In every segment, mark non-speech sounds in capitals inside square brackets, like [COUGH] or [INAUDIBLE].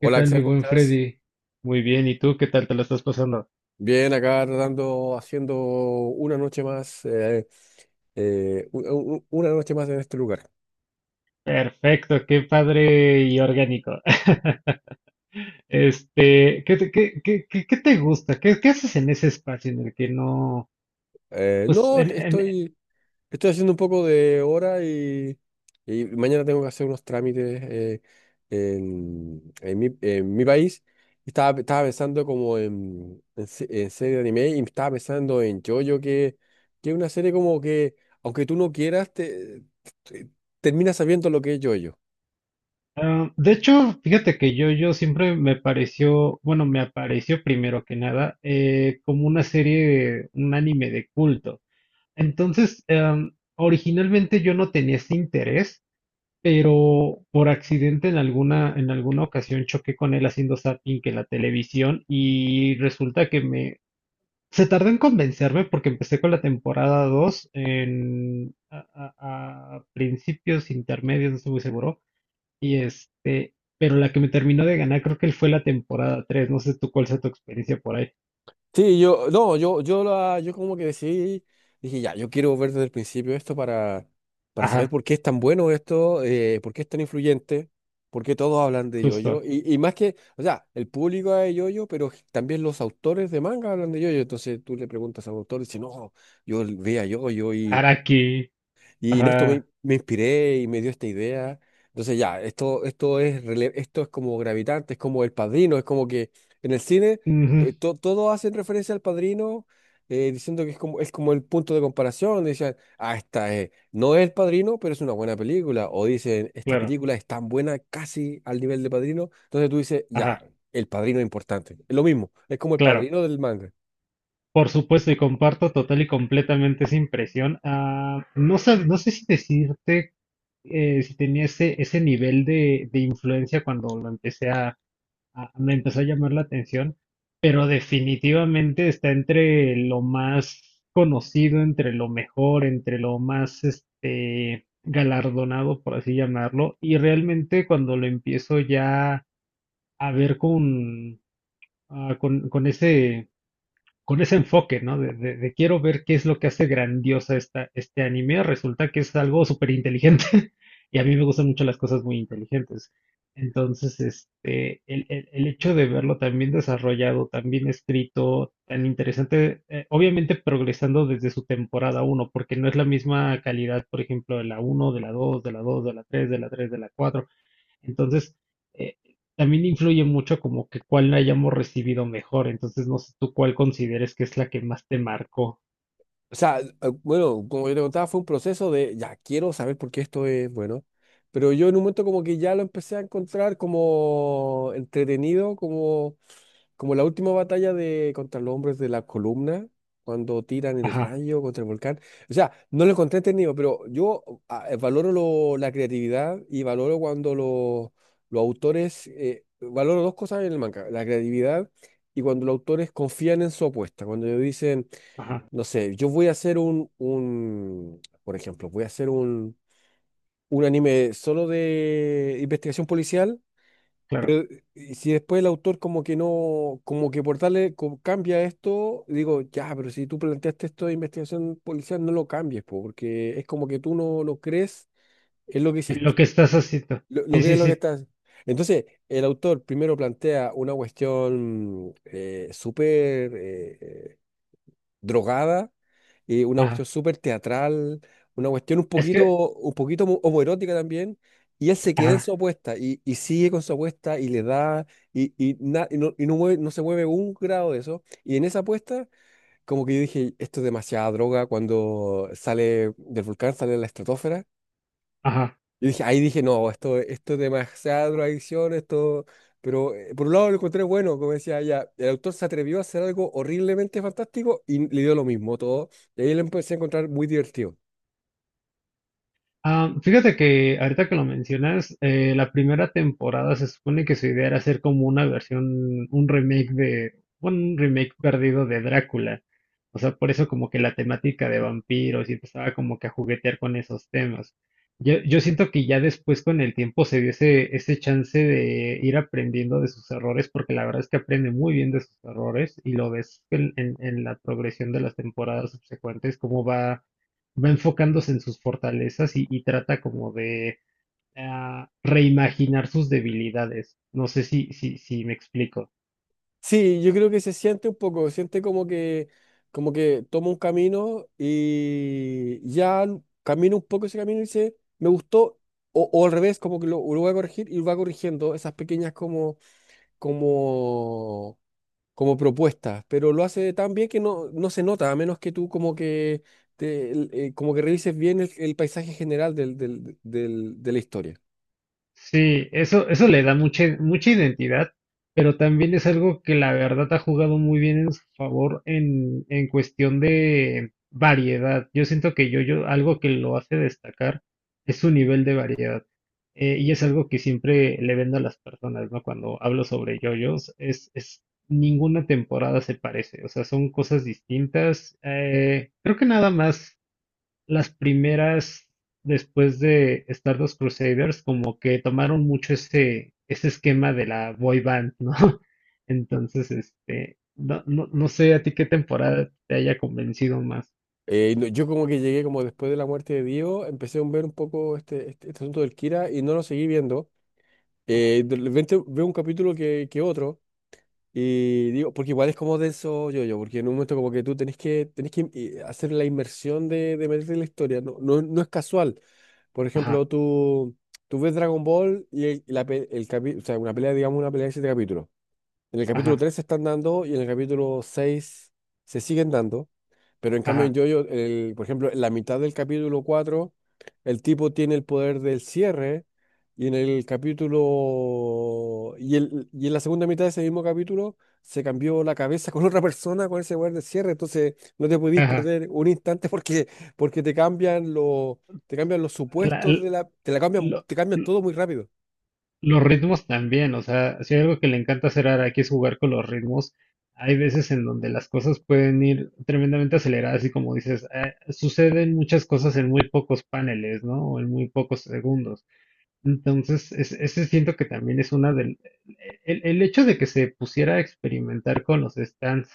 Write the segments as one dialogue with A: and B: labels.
A: ¿Qué tal, mi
B: Axel, ¿cómo
A: buen
B: estás?
A: Freddy? Muy bien, ¿y tú qué tal te lo estás pasando?
B: Bien, acá tratando, haciendo una noche más, eh, u- una noche más en este lugar.
A: Perfecto, qué padre y orgánico. [LAUGHS] Este, ¿qué te gusta? ¿Qué haces en ese espacio en el que no? Pues,
B: No, estoy haciendo un poco de hora y mañana tengo que hacer unos trámites en mi país. Y estaba pensando como en serie de anime y estaba pensando en JoJo, que es una serie como que, aunque tú no quieras, te- terminas sabiendo lo que es JoJo.
A: ah, de hecho, fíjate que yo siempre me pareció, bueno, me apareció primero que nada, como una serie, un anime de culto. Entonces, originalmente yo no tenía ese interés. Pero por accidente en alguna ocasión choqué con él haciendo zapping en la televisión Se tardó en convencerme porque empecé con la temporada 2 a principios intermedios, no estoy muy seguro, pero la que me terminó de ganar creo que él fue la temporada tres. No sé tú cuál sea tu experiencia por ahí.
B: Sí, no, yo como que decidí, dije, ya, yo quiero ver desde el principio esto para saber
A: Ajá,
B: por qué es tan bueno esto, por qué es tan influyente, por qué todos hablan de yoyo.
A: justo.
B: Y más que, o sea, el público habla de yoyo, pero también los autores de manga hablan de yoyo. Entonces tú le preguntas a un autor y dice, no, yo veía yoyo y,
A: Araki.
B: y en esto
A: Ajá.
B: me inspiré y me dio esta idea. Entonces ya, esto es como gravitante, es como El Padrino, es como que en el cine
A: Ujú,
B: todos hacen referencia al Padrino diciendo que es como el punto de comparación. Dicen, ah, no es El Padrino, pero es una buena película. O dicen, esta
A: claro.
B: película es tan buena casi al nivel de Padrino. Entonces tú dices,
A: Ajá,
B: ya, El Padrino es importante. Es lo mismo, es como El
A: claro.
B: Padrino del manga.
A: Por supuesto, y comparto total y completamente esa impresión. Ah, no sé si decirte si tenía ese nivel de influencia cuando lo empecé me empezó a llamar la atención, pero definitivamente está entre lo más conocido, entre lo mejor, entre lo más galardonado, por así llamarlo, y realmente cuando lo empiezo ya a ver con, ah, con ese enfoque, ¿no? De quiero ver qué es lo que hace grandiosa este anime. Resulta que es algo súper inteligente [LAUGHS] y a mí me gustan mucho las cosas muy inteligentes. Entonces, el hecho de verlo tan bien desarrollado, tan bien escrito, tan interesante, obviamente progresando desde su temporada uno, porque no es la misma calidad, por ejemplo, de la uno, de la dos, de la tres, de la 4. Entonces, eh, también influye mucho como que cuál la hayamos recibido mejor. Entonces, no sé tú cuál consideres que es la que más te marcó.
B: O sea, bueno, como yo te contaba, fue un proceso de, ya, quiero saber por qué esto es bueno, pero yo en un momento como que ya lo empecé a encontrar como entretenido, como la última batalla de contra los hombres de la columna, cuando tiran el
A: Ajá,
B: rayo contra el volcán. O sea, no lo encontré entretenido, pero yo valoro la creatividad y valoro cuando los autores, valoro dos cosas en el manga, la creatividad y cuando los autores confían en su apuesta, cuando ellos dicen
A: ajá,
B: no sé, yo voy a hacer por ejemplo, voy a hacer un anime solo de investigación policial.
A: claro.
B: Y si después el autor como que no, como que por darle, como cambia esto, digo, ya, pero si tú planteaste esto de investigación policial, no lo cambies, po, porque es como que tú no lo crees, es lo que
A: En
B: hiciste,
A: lo que estás haciendo.
B: lo
A: Sí,
B: que
A: sí,
B: es lo que
A: sí.
B: estás. Entonces, el autor primero plantea una cuestión súper drogada, una cuestión
A: Ajá.
B: súper teatral, una cuestión
A: Es que,
B: un poquito homoerótica también, y él se queda
A: ajá,
B: en su apuesta y sigue con su apuesta y le da, no se mueve un grado de eso, y en esa apuesta, como que yo dije, esto es demasiada droga, cuando sale del volcán, sale de la estratosfera,
A: ajá.
B: yo dije, ahí dije, no, esto es demasiada drogadicción, esto. Pero por un lado lo encontré bueno, como decía ella, el autor se atrevió a hacer algo horriblemente fantástico y le dio lo mismo todo. Y ahí lo empecé a encontrar muy divertido.
A: Ah, fíjate que ahorita que lo mencionas, la primera temporada se supone que su idea era hacer como una versión, un remake de, bueno, un remake perdido de Drácula. O sea, por eso como que la temática de vampiros y empezaba como que a juguetear con esos temas. Yo siento que ya después con el tiempo se dio ese chance de ir aprendiendo de sus errores, porque la verdad es que aprende muy bien de sus errores y lo ves en la progresión de las temporadas subsecuentes, cómo va enfocándose en sus fortalezas y trata como de reimaginar sus debilidades. No sé si me explico.
B: Sí, yo creo que se siente un poco, siente como que toma un camino y ya camina un poco ese camino y dice, me gustó, o al revés, como que lo voy a corregir y va corrigiendo esas pequeñas como como propuestas, pero lo hace tan bien que no se nota, a menos que tú como que como que revises bien el paisaje general de la historia.
A: Sí, eso le da mucha, mucha identidad, pero también es algo que la verdad ha jugado muy bien en su favor en cuestión de variedad. Yo siento que algo que lo hace destacar es su nivel de variedad. Y es algo que siempre le vendo a las personas, ¿no? Cuando hablo sobre JoJo's, es ninguna temporada se parece, o sea, son cosas distintas. Creo que nada más las primeras, después de Stardust Crusaders, como que tomaron mucho ese esquema de la boy band, ¿no? [LAUGHS] Entonces, no sé a ti qué temporada te haya convencido más.
B: No, yo como que llegué como después de la muerte de Dio, empecé a ver un poco este asunto del Kira y no lo seguí viendo. De repente veo un capítulo que otro. Y digo, porque igual es como denso yo-yo, porque en un momento como que tú tenés que hacer la inmersión de meterte en la historia, no, no, no es casual. Por
A: Ajá,
B: ejemplo, tú ves Dragon Ball y el, la pe- el capi- o sea, una pelea, digamos, una pelea de siete capítulos. En el capítulo
A: ajá,
B: 3 se están dando y en el capítulo 6 se siguen dando, pero en cambio en
A: ajá,
B: Jojo, el, por ejemplo, en la mitad del capítulo 4 el tipo tiene el poder del cierre y en el capítulo... Y en la segunda mitad de ese mismo capítulo se cambió la cabeza [LAUGHS] con otra persona con ese poder del cierre, entonces no te podís
A: ajá.
B: perder un instante porque, te cambian los... Te cambian los
A: La-
B: supuestos
A: l-
B: de la, te la cambian,
A: lo-
B: te cambian todo muy rápido.
A: Los ritmos también, o sea, si hay algo que le encanta hacer a Araki es jugar con los ritmos. Hay veces en donde las cosas pueden ir tremendamente aceleradas y como dices, suceden muchas cosas en muy pocos paneles, ¿no? O en muy pocos segundos. Entonces, ese siento que también. El hecho de que se pusiera a experimentar con los stands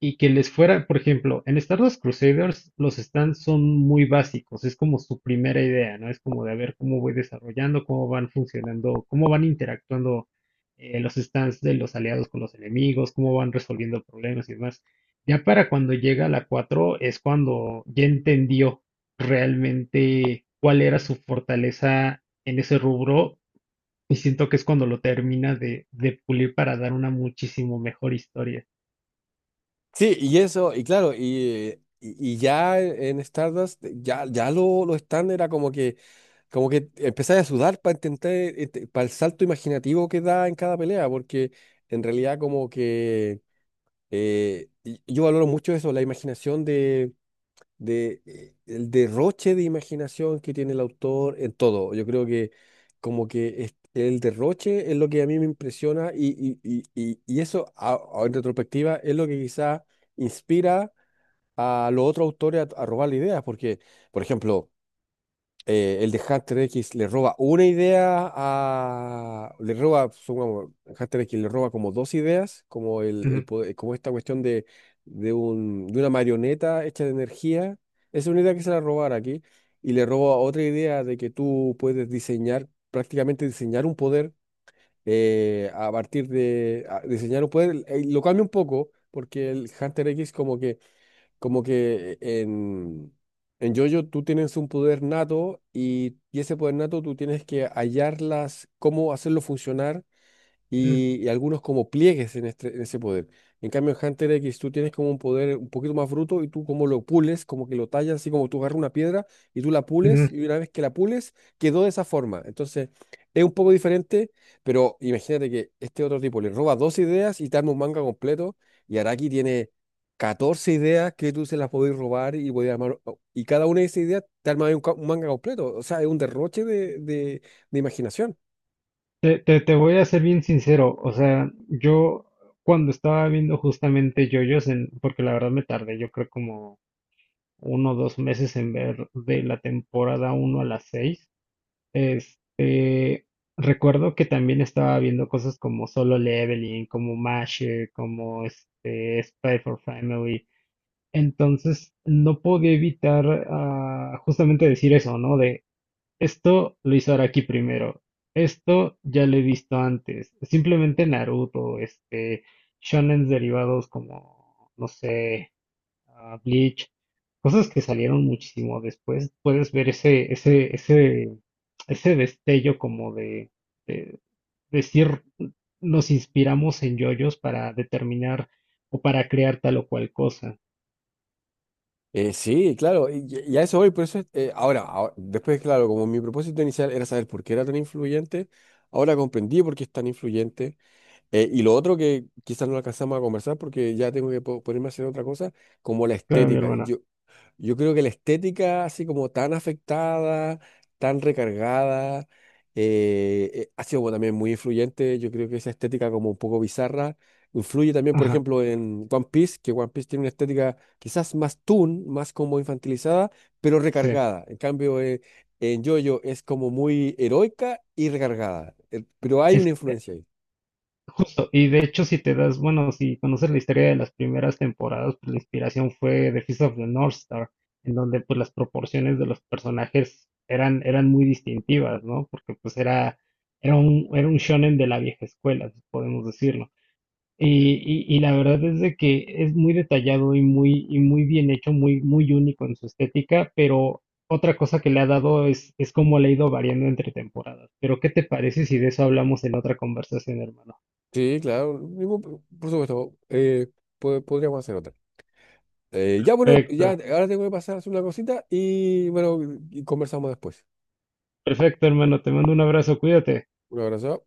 A: y que les fuera, por ejemplo, en Star Wars Crusaders los stands son muy básicos, es como su primera idea, ¿no? Es como de a ver cómo voy desarrollando, cómo van funcionando, cómo van interactuando los stands de los aliados con los enemigos, cómo van resolviendo problemas y demás. Ya para cuando llega la 4 es cuando ya entendió realmente cuál era su fortaleza en ese rubro y siento que es cuando lo termina de pulir para dar una muchísimo mejor historia.
B: Sí, y eso, y claro, ya en Stardust, ya lo stand era como que empezaba a sudar para intentar, este, para el salto imaginativo que da en cada pelea, porque en realidad como que yo valoro mucho eso, la imaginación de el derroche de imaginación que tiene el autor en todo. Yo creo que como que el derroche es lo que a mí me impresiona eso en retrospectiva es lo que quizá inspira a los otros autores a robar ideas, porque, por ejemplo, el de Hunter X le roba una idea a... Le roba, supongamos, Hunter X le roba como dos ideas, como, el
A: Ujú,
B: poder- como esta cuestión de una marioneta hecha de energía. Esa es una idea que se la robara aquí. Y le roba otra idea de que tú puedes diseñar, prácticamente diseñar un poder a partir de... a- diseñar un poder, lo cambia un poco, porque el Hunter X como que en JoJo tú tienes un poder nato y ese poder nato tú tienes que hallarlas, cómo hacerlo funcionar
A: ujú,
B: y algunos como pliegues en ese poder. En cambio, en Hunter X tú tienes como un poder un poquito más bruto y tú como lo pules, como que lo tallas, así como tú agarras una piedra y tú la
A: ujú.
B: pules y una vez que la pules quedó de esa forma. Entonces, es un poco diferente, pero imagínate que este otro tipo le roba dos ideas y te arma un manga completo y Araki tiene 14 ideas que tú se las podés robar y podés armar, y cada una de esas ideas te arma un manga completo. O sea, es un derroche de imaginación.
A: Te voy a ser bien sincero, o sea, yo cuando estaba viendo justamente JoJo's, porque la verdad me tardé, yo creo como 1 o 2 meses en ver de la temporada uno a las seis. Este, recuerdo que también estaba viendo cosas como Solo Leveling, como Mashe, como Spy for Family, entonces no podía evitar justamente decir eso, ¿no? Esto lo hizo Araki primero. Esto ya lo he visto antes. Simplemente Naruto, shonens derivados como, no sé, Bleach, cosas que salieron muchísimo después. Puedes ver ese destello como de decir, nos inspiramos en yoyos para determinar o para crear tal o cual cosa.
B: Sí, claro, y a eso voy, por eso, después, claro, como mi propósito inicial era saber por qué era tan influyente, ahora comprendí por qué es tan influyente, y lo otro que quizás no alcanzamos a conversar porque ya tengo que ponerme a hacer otra cosa, como la
A: Claro, mi
B: estética.
A: hermana.
B: Yo creo que la estética, así como tan afectada, tan recargada, ha sido como también muy influyente. Yo creo que esa estética como un poco bizarra influye también, por
A: Ajá,
B: ejemplo, en One Piece, que One Piece tiene una estética quizás más toon, más como infantilizada, pero
A: sí.
B: recargada. En cambio, en JoJo es como muy heroica y recargada. Pero hay una influencia ahí.
A: Justo, y de hecho si te das, bueno, si conoces la historia de las primeras temporadas, pues la inspiración fue The Fist of the North Star, en donde pues las proporciones de los personajes eran muy distintivas, ¿no? Porque pues era un shonen de la vieja escuela, si podemos decirlo. Y la verdad es de que es muy detallado y muy bien hecho, muy, muy único en su estética, pero otra cosa que le ha dado es cómo le ha ido variando entre temporadas. Pero ¿qué te parece si de eso hablamos en otra conversación, hermano?
B: Sí, claro, por supuesto, podríamos hacer otra. Ya, bueno, ya
A: Perfecto,
B: ahora tengo que pasar a hacer una cosita y bueno, y conversamos después.
A: perfecto, hermano. Te mando un abrazo, cuídate.
B: Un abrazo.